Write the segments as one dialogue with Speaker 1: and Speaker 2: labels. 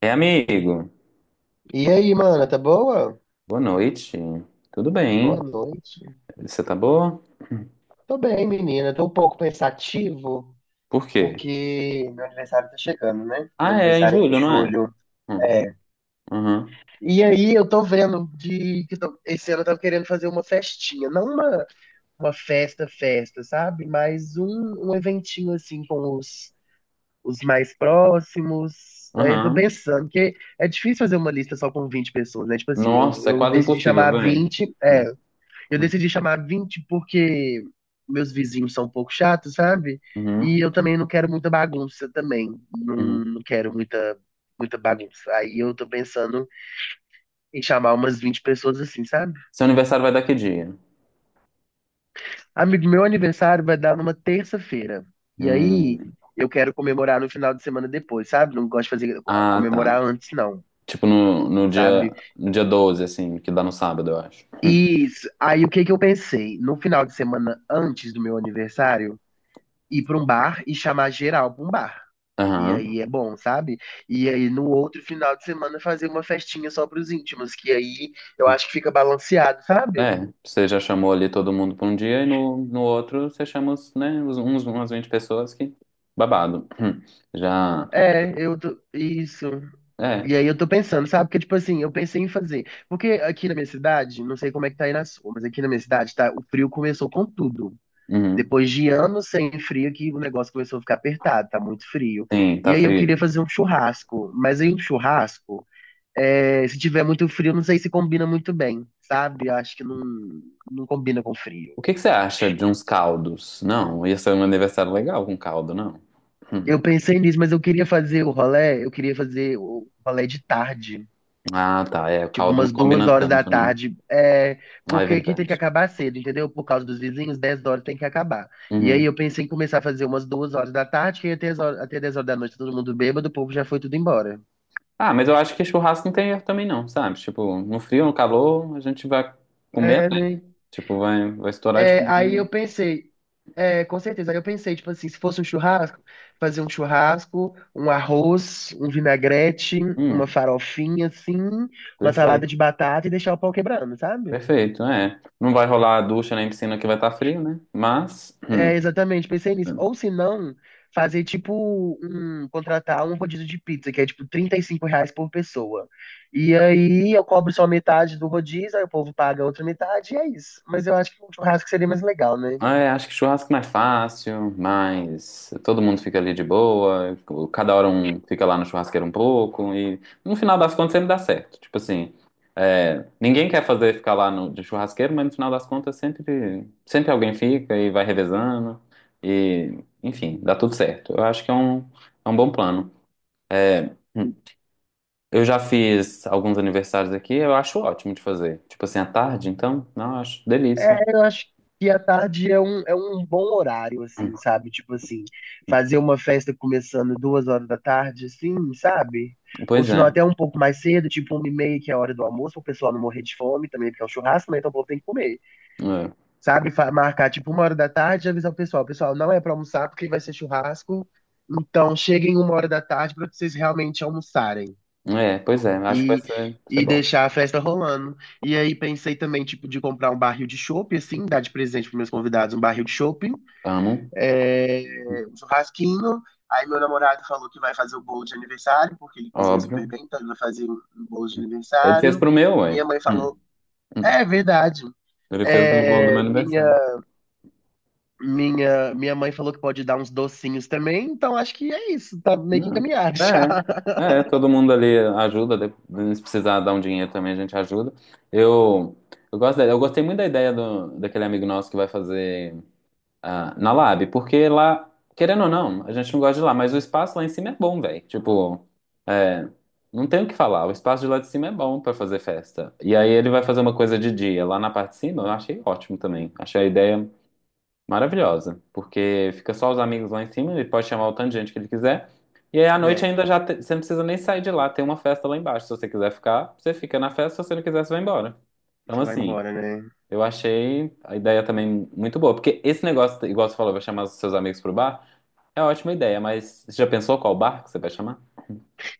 Speaker 1: É, amigo.
Speaker 2: E aí, mana, tá boa?
Speaker 1: Boa noite. Tudo
Speaker 2: Boa
Speaker 1: bem?
Speaker 2: noite.
Speaker 1: Você tá boa?
Speaker 2: Tô bem, menina. Tô um pouco pensativo,
Speaker 1: Por quê?
Speaker 2: porque meu aniversário tá chegando, né? Meu
Speaker 1: Ah, é em
Speaker 2: aniversário é em
Speaker 1: julho, não é?
Speaker 2: julho.
Speaker 1: Hum.
Speaker 2: É.
Speaker 1: Uhum,
Speaker 2: E aí, eu tô vendo de que esse ano eu tava querendo fazer uma festinha. Não uma festa, festa, sabe? Mas um eventinho assim com os mais próximos. Aí eu tô
Speaker 1: uhum.
Speaker 2: pensando, que é difícil fazer uma lista só com 20 pessoas, né? Tipo assim, eu,
Speaker 1: Nossa, é
Speaker 2: eu
Speaker 1: quase
Speaker 2: decidi
Speaker 1: impossível,
Speaker 2: chamar
Speaker 1: vem.
Speaker 2: 20. É.
Speaker 1: Hum,
Speaker 2: Eu
Speaker 1: hum.
Speaker 2: decidi chamar 20 porque meus vizinhos são um pouco chatos, sabe? E
Speaker 1: Uhum,
Speaker 2: eu também não quero muita bagunça também. Não,
Speaker 1: uhum.
Speaker 2: não quero muita, muita bagunça. Aí eu tô pensando em chamar umas 20 pessoas assim, sabe?
Speaker 1: Seu aniversário vai dar que dia?
Speaker 2: Amigo, meu aniversário vai dar numa terça-feira. E aí
Speaker 1: Hum.
Speaker 2: eu quero comemorar no final de semana depois, sabe? Não gosto de fazer
Speaker 1: Ah, tá.
Speaker 2: comemorar antes, não.
Speaker 1: Tipo no, no
Speaker 2: Sabe?
Speaker 1: dia, no dia 12, assim, que dá no sábado, eu acho. Hum.
Speaker 2: E aí o que que eu pensei? No final de semana antes do meu aniversário, ir pra um bar e chamar geral pra um bar. E
Speaker 1: Aham.
Speaker 2: aí é bom, sabe? E aí no outro final de semana fazer uma festinha só pros íntimos, que aí eu acho que fica balanceado, sabe?
Speaker 1: É, você já chamou ali todo mundo pra um dia e no outro você chama, né, umas 20 pessoas que babado. Hum. Já.
Speaker 2: É. Isso.
Speaker 1: É.
Speaker 2: E aí eu tô pensando, sabe? Porque, tipo assim, eu pensei em fazer. Porque aqui na minha cidade, não sei como é que tá aí na sua, mas aqui na minha cidade, tá, o frio começou com tudo.
Speaker 1: Uhum.
Speaker 2: Depois de anos sem frio, que o negócio começou a ficar apertado, tá muito frio.
Speaker 1: Sim,
Speaker 2: E
Speaker 1: tá
Speaker 2: aí eu queria
Speaker 1: frio.
Speaker 2: fazer um churrasco. Mas aí um churrasco. É, se tiver muito frio, não sei se combina muito bem, sabe? Acho que não, não combina com frio.
Speaker 1: O que que você acha de uns caldos? Não, ia ser um aniversário legal com caldo, não. Hum.
Speaker 2: Eu pensei nisso, mas eu queria fazer o rolê, eu queria fazer o rolê de tarde,
Speaker 1: Ah, tá. É, o
Speaker 2: tipo
Speaker 1: caldo não
Speaker 2: umas duas
Speaker 1: combina
Speaker 2: horas da
Speaker 1: tanto, né?
Speaker 2: tarde, é,
Speaker 1: Ah, é
Speaker 2: porque aqui tem que
Speaker 1: verdade.
Speaker 2: acabar cedo, entendeu? Por causa dos vizinhos, 10 horas tem que acabar. E aí
Speaker 1: Uhum.
Speaker 2: eu pensei em começar a fazer umas 2 horas da tarde, que até, até 10 horas da noite todo mundo bêbado, o povo já foi tudo embora.
Speaker 1: Ah, mas eu acho que churrasco não tem erro também, não, sabe? Tipo, no frio, no calor, a gente vai comer,
Speaker 2: É,
Speaker 1: né?
Speaker 2: né?
Speaker 1: Tipo, vai estourar de
Speaker 2: É, aí
Speaker 1: comida.
Speaker 2: eu pensei, é, com certeza, aí eu pensei, tipo assim, se fosse um churrasco, fazer um churrasco, um arroz, um vinagrete, uma
Speaker 1: Hum,
Speaker 2: farofinha, assim, uma salada
Speaker 1: perfeito,
Speaker 2: de batata e deixar o pau quebrando, sabe?
Speaker 1: perfeito, é. Não vai rolar a ducha nem piscina que vai estar frio, né? Mas,
Speaker 2: É, exatamente, pensei nisso. Ou se não, fazer tipo contratar um rodízio de pizza, que é tipo R$ 35 por pessoa. E aí eu cobro só metade do rodízio, aí o povo paga a outra metade e é isso. Mas eu acho que um churrasco seria mais legal, né?
Speaker 1: Ah, é, acho que churrasco é mais fácil, mas todo mundo fica ali de boa, cada hora um fica lá no churrasqueiro um pouco, e no final das contas sempre dá certo. Tipo assim, é, ninguém quer fazer ficar lá no, de churrasqueiro, mas no final das contas sempre, sempre alguém fica e vai revezando, e enfim, dá tudo certo. Eu acho que é um bom plano. É, eu já fiz alguns aniversários aqui, eu acho ótimo de fazer. Tipo assim, à tarde, então, não, eu acho delícia.
Speaker 2: É, eu acho que a tarde é um bom horário,
Speaker 1: Hum.
Speaker 2: assim, sabe? Tipo assim, fazer uma festa começando 2 horas da tarde, assim, sabe? Ou
Speaker 1: Pois
Speaker 2: se
Speaker 1: é.
Speaker 2: não, até um pouco mais cedo, tipo 1h30, que é a hora do almoço, para o pessoal não morrer de fome também, porque é um churrasco, né? Então o povo tem que comer,
Speaker 1: É.
Speaker 2: sabe? Marcar, tipo, 1 hora da tarde e avisar o pessoal. Pessoal, não é para almoçar porque vai ser churrasco, então cheguem 1 hora da tarde para vocês realmente almoçarem
Speaker 1: É, pois é, acho que vai
Speaker 2: e,
Speaker 1: ser, vai ser
Speaker 2: e
Speaker 1: bom.
Speaker 2: deixar a festa rolando. E aí pensei também, tipo, de comprar um barril de chopp, assim, dar de presente para meus convidados um barril de chopp,
Speaker 1: Amo,
Speaker 2: é, um churrasquinho. Aí meu namorado falou que vai fazer o bolo de aniversário, porque ele cozinha super
Speaker 1: óbvio.
Speaker 2: bem, então ele vai fazer um bolo de
Speaker 1: Ele fez
Speaker 2: aniversário.
Speaker 1: pro meu, ué.
Speaker 2: Minha mãe falou,
Speaker 1: Hum, hum.
Speaker 2: é verdade.
Speaker 1: Ele fez no bolo do meu
Speaker 2: É, minha,
Speaker 1: aniversário.
Speaker 2: minha, minha mãe falou que pode dar uns docinhos também, então acho que é isso, tá meio que
Speaker 1: Não.
Speaker 2: encaminhado já.
Speaker 1: É, é, todo mundo ali ajuda, de- se precisar dar um dinheiro também, a gente ajuda. Eu, eu gosto da- eu gostei muito da ideia daquele amigo nosso que vai fazer. Na Lab, porque lá, querendo ou não, a gente não gosta de lá, mas o espaço lá em cima é bom, velho. Tipo, é, não tem o que falar, o espaço de lá de cima é bom pra fazer festa. E aí ele vai fazer uma coisa de dia lá na parte de cima, eu achei ótimo também. Achei a ideia maravilhosa, porque fica só os amigos lá em cima, ele pode chamar o tanto de gente que ele quiser. E aí à noite
Speaker 2: É,
Speaker 1: ainda você não precisa nem sair de lá, tem uma festa lá embaixo. Se você quiser ficar, você fica na festa, se você não quiser, você vai embora. Então,
Speaker 2: você vai
Speaker 1: assim,
Speaker 2: embora, né?
Speaker 1: eu achei a ideia também muito boa, porque esse negócio, igual você falou, vai chamar os seus amigos pro bar, é uma ótima ideia, mas você já pensou qual bar que você vai chamar?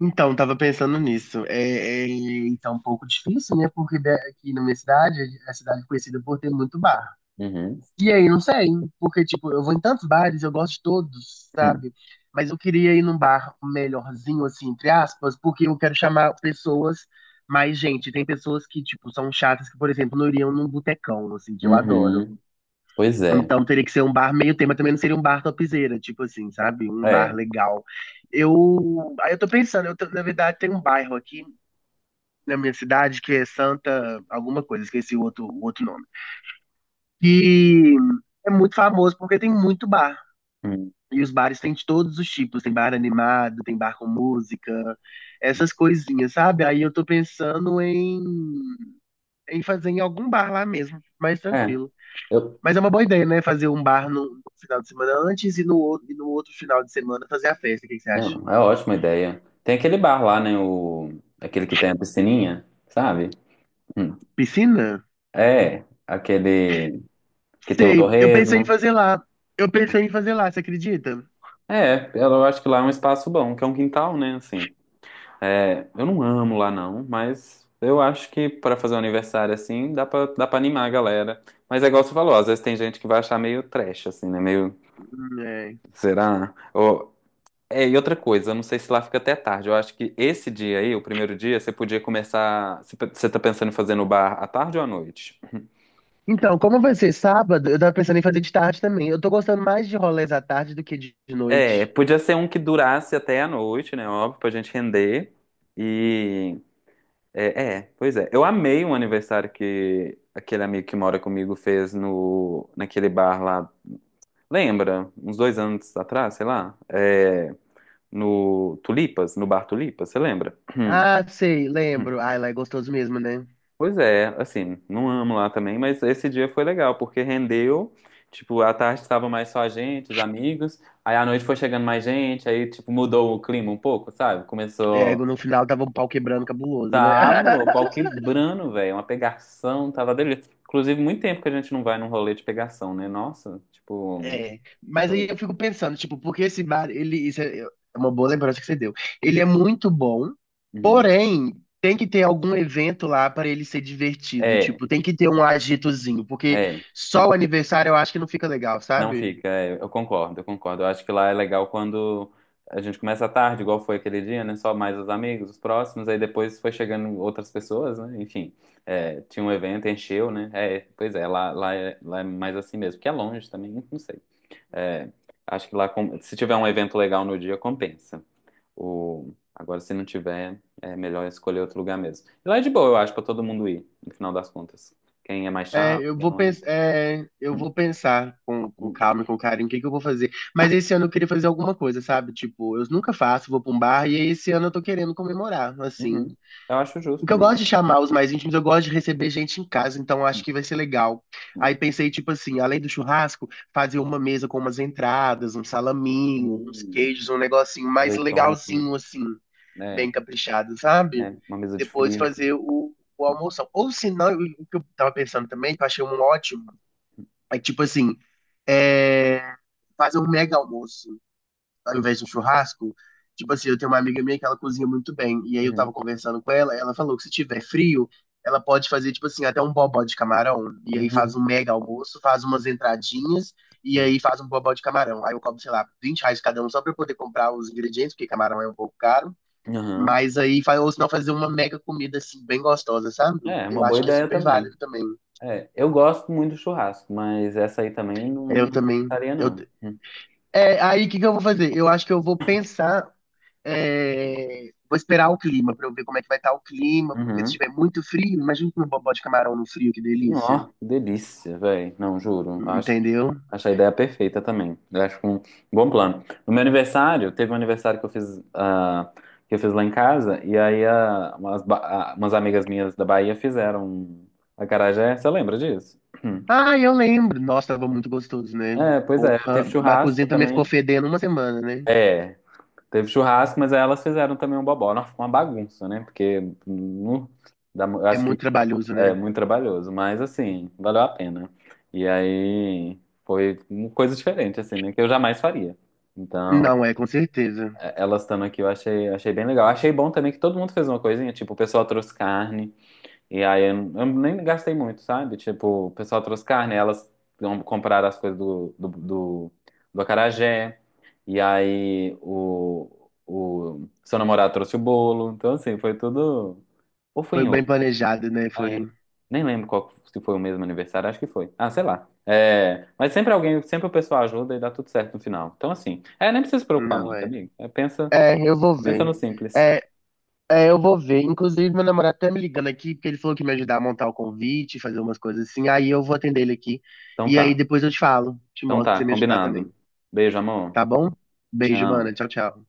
Speaker 2: Então, tava pensando nisso. É, é, então, um pouco difícil, né? Porque aqui na minha cidade, a cidade é conhecida por ter muito bar.
Speaker 1: Uhum.
Speaker 2: E aí, não sei, porque, tipo, eu vou em tantos bares, eu gosto de todos, sabe? Mas eu queria ir num bar melhorzinho, assim, entre aspas, porque eu quero chamar pessoas mais gente. Tem pessoas que, tipo, são chatas, que, por exemplo, não iriam num botecão, assim, que eu adoro.
Speaker 1: Uhum. Pois é.
Speaker 2: Então teria que ser um bar meio tema, também não seria um bar topzeira, tipo assim, sabe? Um bar
Speaker 1: É.
Speaker 2: legal. Aí eu tô pensando, na verdade tem um bairro aqui na minha cidade que é Santa alguma coisa, esqueci o outro nome. Que é muito famoso porque tem muito bar.
Speaker 1: Hum.
Speaker 2: E os bares têm de todos os tipos, tem bar animado, tem bar com música, essas coisinhas, sabe? Aí eu tô pensando em fazer em algum bar lá mesmo, mais
Speaker 1: É.
Speaker 2: tranquilo.
Speaker 1: Eu...
Speaker 2: Mas é uma boa ideia, né? Fazer um bar no final de semana antes e no outro final de semana fazer a festa. O que que você acha?
Speaker 1: Não, é ótima ideia. Tem aquele bar lá, né? O... Aquele que tem a piscininha, sabe? Hum.
Speaker 2: Piscina?
Speaker 1: É. Aquele que tem o
Speaker 2: Sei, eu pensei em
Speaker 1: torresmo.
Speaker 2: fazer lá. Eu pensei em fazer lá, você acredita?
Speaker 1: É, eu acho que lá é um espaço bom, que é um quintal, né? Assim. É, eu não amo lá não, mas eu acho que pra fazer um aniversário assim, dá pra animar a galera. Mas é igual você falou, às vezes tem gente que vai achar meio trash, assim, né? Meio,
Speaker 2: É.
Speaker 1: será? Ou, é, e outra coisa, eu não sei se lá fica até tarde. Eu acho que esse dia aí, o primeiro dia, você podia começar. Você tá pensando em fazer no bar à tarde ou à noite?
Speaker 2: Então, como vai ser sábado, eu tava pensando em fazer de tarde também. Eu tô gostando mais de rolês à tarde do que de
Speaker 1: É,
Speaker 2: noite.
Speaker 1: podia ser um que durasse até a noite, né? Óbvio, pra gente render. E é, pois é. Eu amei um aniversário que aquele amigo que mora comigo fez no, naquele bar lá. Lembra? Uns 2 anos atrás, sei lá. É, no Tulipas, no bar Tulipas, você lembra?
Speaker 2: Ah, sei, lembro. Ai, lá é gostoso mesmo, né?
Speaker 1: Pois é, assim, não amo lá também, mas esse dia foi legal, porque rendeu. Tipo, à tarde estava mais só a gente, os amigos. Aí à noite foi chegando mais gente, aí, tipo, mudou o clima um pouco, sabe?
Speaker 2: É,
Speaker 1: Começou.
Speaker 2: no final tava um pau quebrando cabuloso, né?
Speaker 1: Tava, o pau quebrando, velho. Uma pegação, tava delícia. Inclusive, muito tempo que a gente não vai num rolê de pegação, né? Nossa, tipo.
Speaker 2: É, mas aí
Speaker 1: eu-
Speaker 2: eu fico pensando, tipo, porque esse bar, ele, isso é uma boa lembrança que você deu. Ele é muito bom,
Speaker 1: uhum.
Speaker 2: porém, tem que ter algum evento lá para ele ser divertido,
Speaker 1: É,
Speaker 2: tipo, tem que ter um agitozinho, porque
Speaker 1: é. Hum.
Speaker 2: só o aniversário eu acho que não fica legal,
Speaker 1: Não
Speaker 2: sabe?
Speaker 1: fica, é, eu concordo, eu concordo. Eu acho que lá é legal quando a gente começa à tarde, igual foi aquele dia, né? Só mais os amigos, os próximos, aí depois foi chegando outras pessoas, né? Enfim, é, tinha um evento, encheu, né? É, pois é, lá é mais assim mesmo, porque é longe também, não sei. É, acho que lá, com- se tiver um evento legal no dia, compensa. O... Agora, se não tiver, é melhor escolher outro lugar mesmo. E lá é de boa, eu acho, pra todo mundo ir, no final das contas. Quem é mais
Speaker 2: É,
Speaker 1: chato, quem não é.
Speaker 2: eu vou pensar com
Speaker 1: Uhum.
Speaker 2: calma e com carinho o que que eu vou fazer. Mas esse ano eu queria fazer alguma coisa, sabe? Tipo, eu nunca faço, vou pra um bar e esse ano eu tô querendo comemorar, assim.
Speaker 1: Uhum. Eu acho
Speaker 2: O
Speaker 1: justo,
Speaker 2: que eu gosto
Speaker 1: amigo.
Speaker 2: de chamar os mais íntimos, eu gosto de receber gente em casa, então eu acho que vai ser legal. Aí pensei, tipo assim, além do churrasco, fazer uma mesa com umas entradas, um salaminho, uns
Speaker 1: Hum,
Speaker 2: queijos, um negocinho mais
Speaker 1: azeitona,
Speaker 2: legalzinho, assim,
Speaker 1: é,
Speaker 2: bem caprichado, sabe?
Speaker 1: é, uma mesa de
Speaker 2: Depois
Speaker 1: frios.
Speaker 2: fazer o almoção. Ou se não, o que eu tava pensando também, que eu achei um ótimo, é tipo assim, é, fazer um mega almoço ao invés de um churrasco. Tipo assim, eu tenho uma amiga minha que ela cozinha muito bem. E aí eu tava
Speaker 1: Uhum.
Speaker 2: conversando com ela, ela falou que se tiver frio, ela pode fazer, tipo assim, até um bobó de camarão. E aí faz
Speaker 1: Nu.
Speaker 2: um mega almoço, faz umas entradinhas, e
Speaker 1: Uhum.
Speaker 2: aí faz um bobó de camarão. Aí eu cobro, sei lá, R$ 20 cada um só pra eu poder comprar os ingredientes, porque camarão é um pouco caro.
Speaker 1: Aham.
Speaker 2: Mas aí, ou senão fazer uma mega comida, assim, bem gostosa, sabe?
Speaker 1: É, é
Speaker 2: Eu
Speaker 1: uma boa
Speaker 2: acho que é
Speaker 1: ideia
Speaker 2: super
Speaker 1: também.
Speaker 2: válido também.
Speaker 1: É, eu gosto muito do churrasco, mas essa aí também não
Speaker 2: Eu
Speaker 1: não
Speaker 2: também,
Speaker 1: ficaria,
Speaker 2: eu
Speaker 1: não.
Speaker 2: É, aí o que que eu vou fazer? Eu acho que eu vou pensar, é, vou esperar o clima pra eu ver como é que vai estar o clima, porque se
Speaker 1: Uhum.
Speaker 2: estiver muito frio, imagina um bobó de camarão no frio, que delícia.
Speaker 1: Ó, delícia, velho. Não, juro. Acho
Speaker 2: Entendeu?
Speaker 1: Acho a ideia perfeita também. Eu acho um bom plano. No meu aniversário, teve um aniversário que eu fiz lá em casa, e aí umas amigas minhas da Bahia fizeram um acarajé. Você lembra disso?
Speaker 2: Ah, eu lembro. Nossa, tava muito gostoso, né?
Speaker 1: É, pois é.
Speaker 2: Porra,
Speaker 1: Teve
Speaker 2: a
Speaker 1: churrasco
Speaker 2: cozinha também ficou
Speaker 1: também.
Speaker 2: fedendo uma semana, né?
Speaker 1: É, teve churrasco, mas aí elas fizeram também um bobó. Nossa, foi uma bagunça, né? Porque nu, eu
Speaker 2: É
Speaker 1: acho
Speaker 2: muito
Speaker 1: que
Speaker 2: trabalhoso,
Speaker 1: é
Speaker 2: né?
Speaker 1: muito trabalhoso, mas assim, valeu a pena. E aí foi uma coisa diferente, assim, né? Que eu jamais faria. Então.
Speaker 2: Não é, com certeza.
Speaker 1: Elas estando aqui, eu achei, achei bem legal. Achei bom também que todo mundo fez uma coisinha, tipo, o pessoal trouxe carne, e aí eu nem gastei muito, sabe? Tipo, o pessoal trouxe carne, elas compraram as coisas do acarajé, e aí o seu namorado trouxe o bolo, então assim, foi tudo. Ou foi
Speaker 2: Foi
Speaker 1: em
Speaker 2: bem
Speaker 1: outro?
Speaker 2: planejado, né?
Speaker 1: Ah, é.
Speaker 2: Foi.
Speaker 1: Nem lembro qual, se foi o mesmo aniversário, acho que foi. Ah, sei lá. É, mas sempre alguém, sempre o pessoal ajuda e dá tudo certo no final. Então, assim, é, nem precisa se preocupar
Speaker 2: Não
Speaker 1: muito,
Speaker 2: é.
Speaker 1: amigo. É, pensa,
Speaker 2: É, eu vou
Speaker 1: pensa
Speaker 2: ver.
Speaker 1: no simples.
Speaker 2: É, É, eu vou ver. Inclusive, meu namorado tá me ligando aqui, porque ele falou que ia me ajudar a montar o convite, fazer umas coisas assim. Aí eu vou atender ele aqui.
Speaker 1: Então
Speaker 2: E aí
Speaker 1: tá.
Speaker 2: depois eu te falo, te
Speaker 1: Então
Speaker 2: mostro pra
Speaker 1: tá,
Speaker 2: você me ajudar também.
Speaker 1: combinado. Beijo, amor.
Speaker 2: Tá bom? Beijo, mana.
Speaker 1: Tchau.
Speaker 2: Tchau, tchau.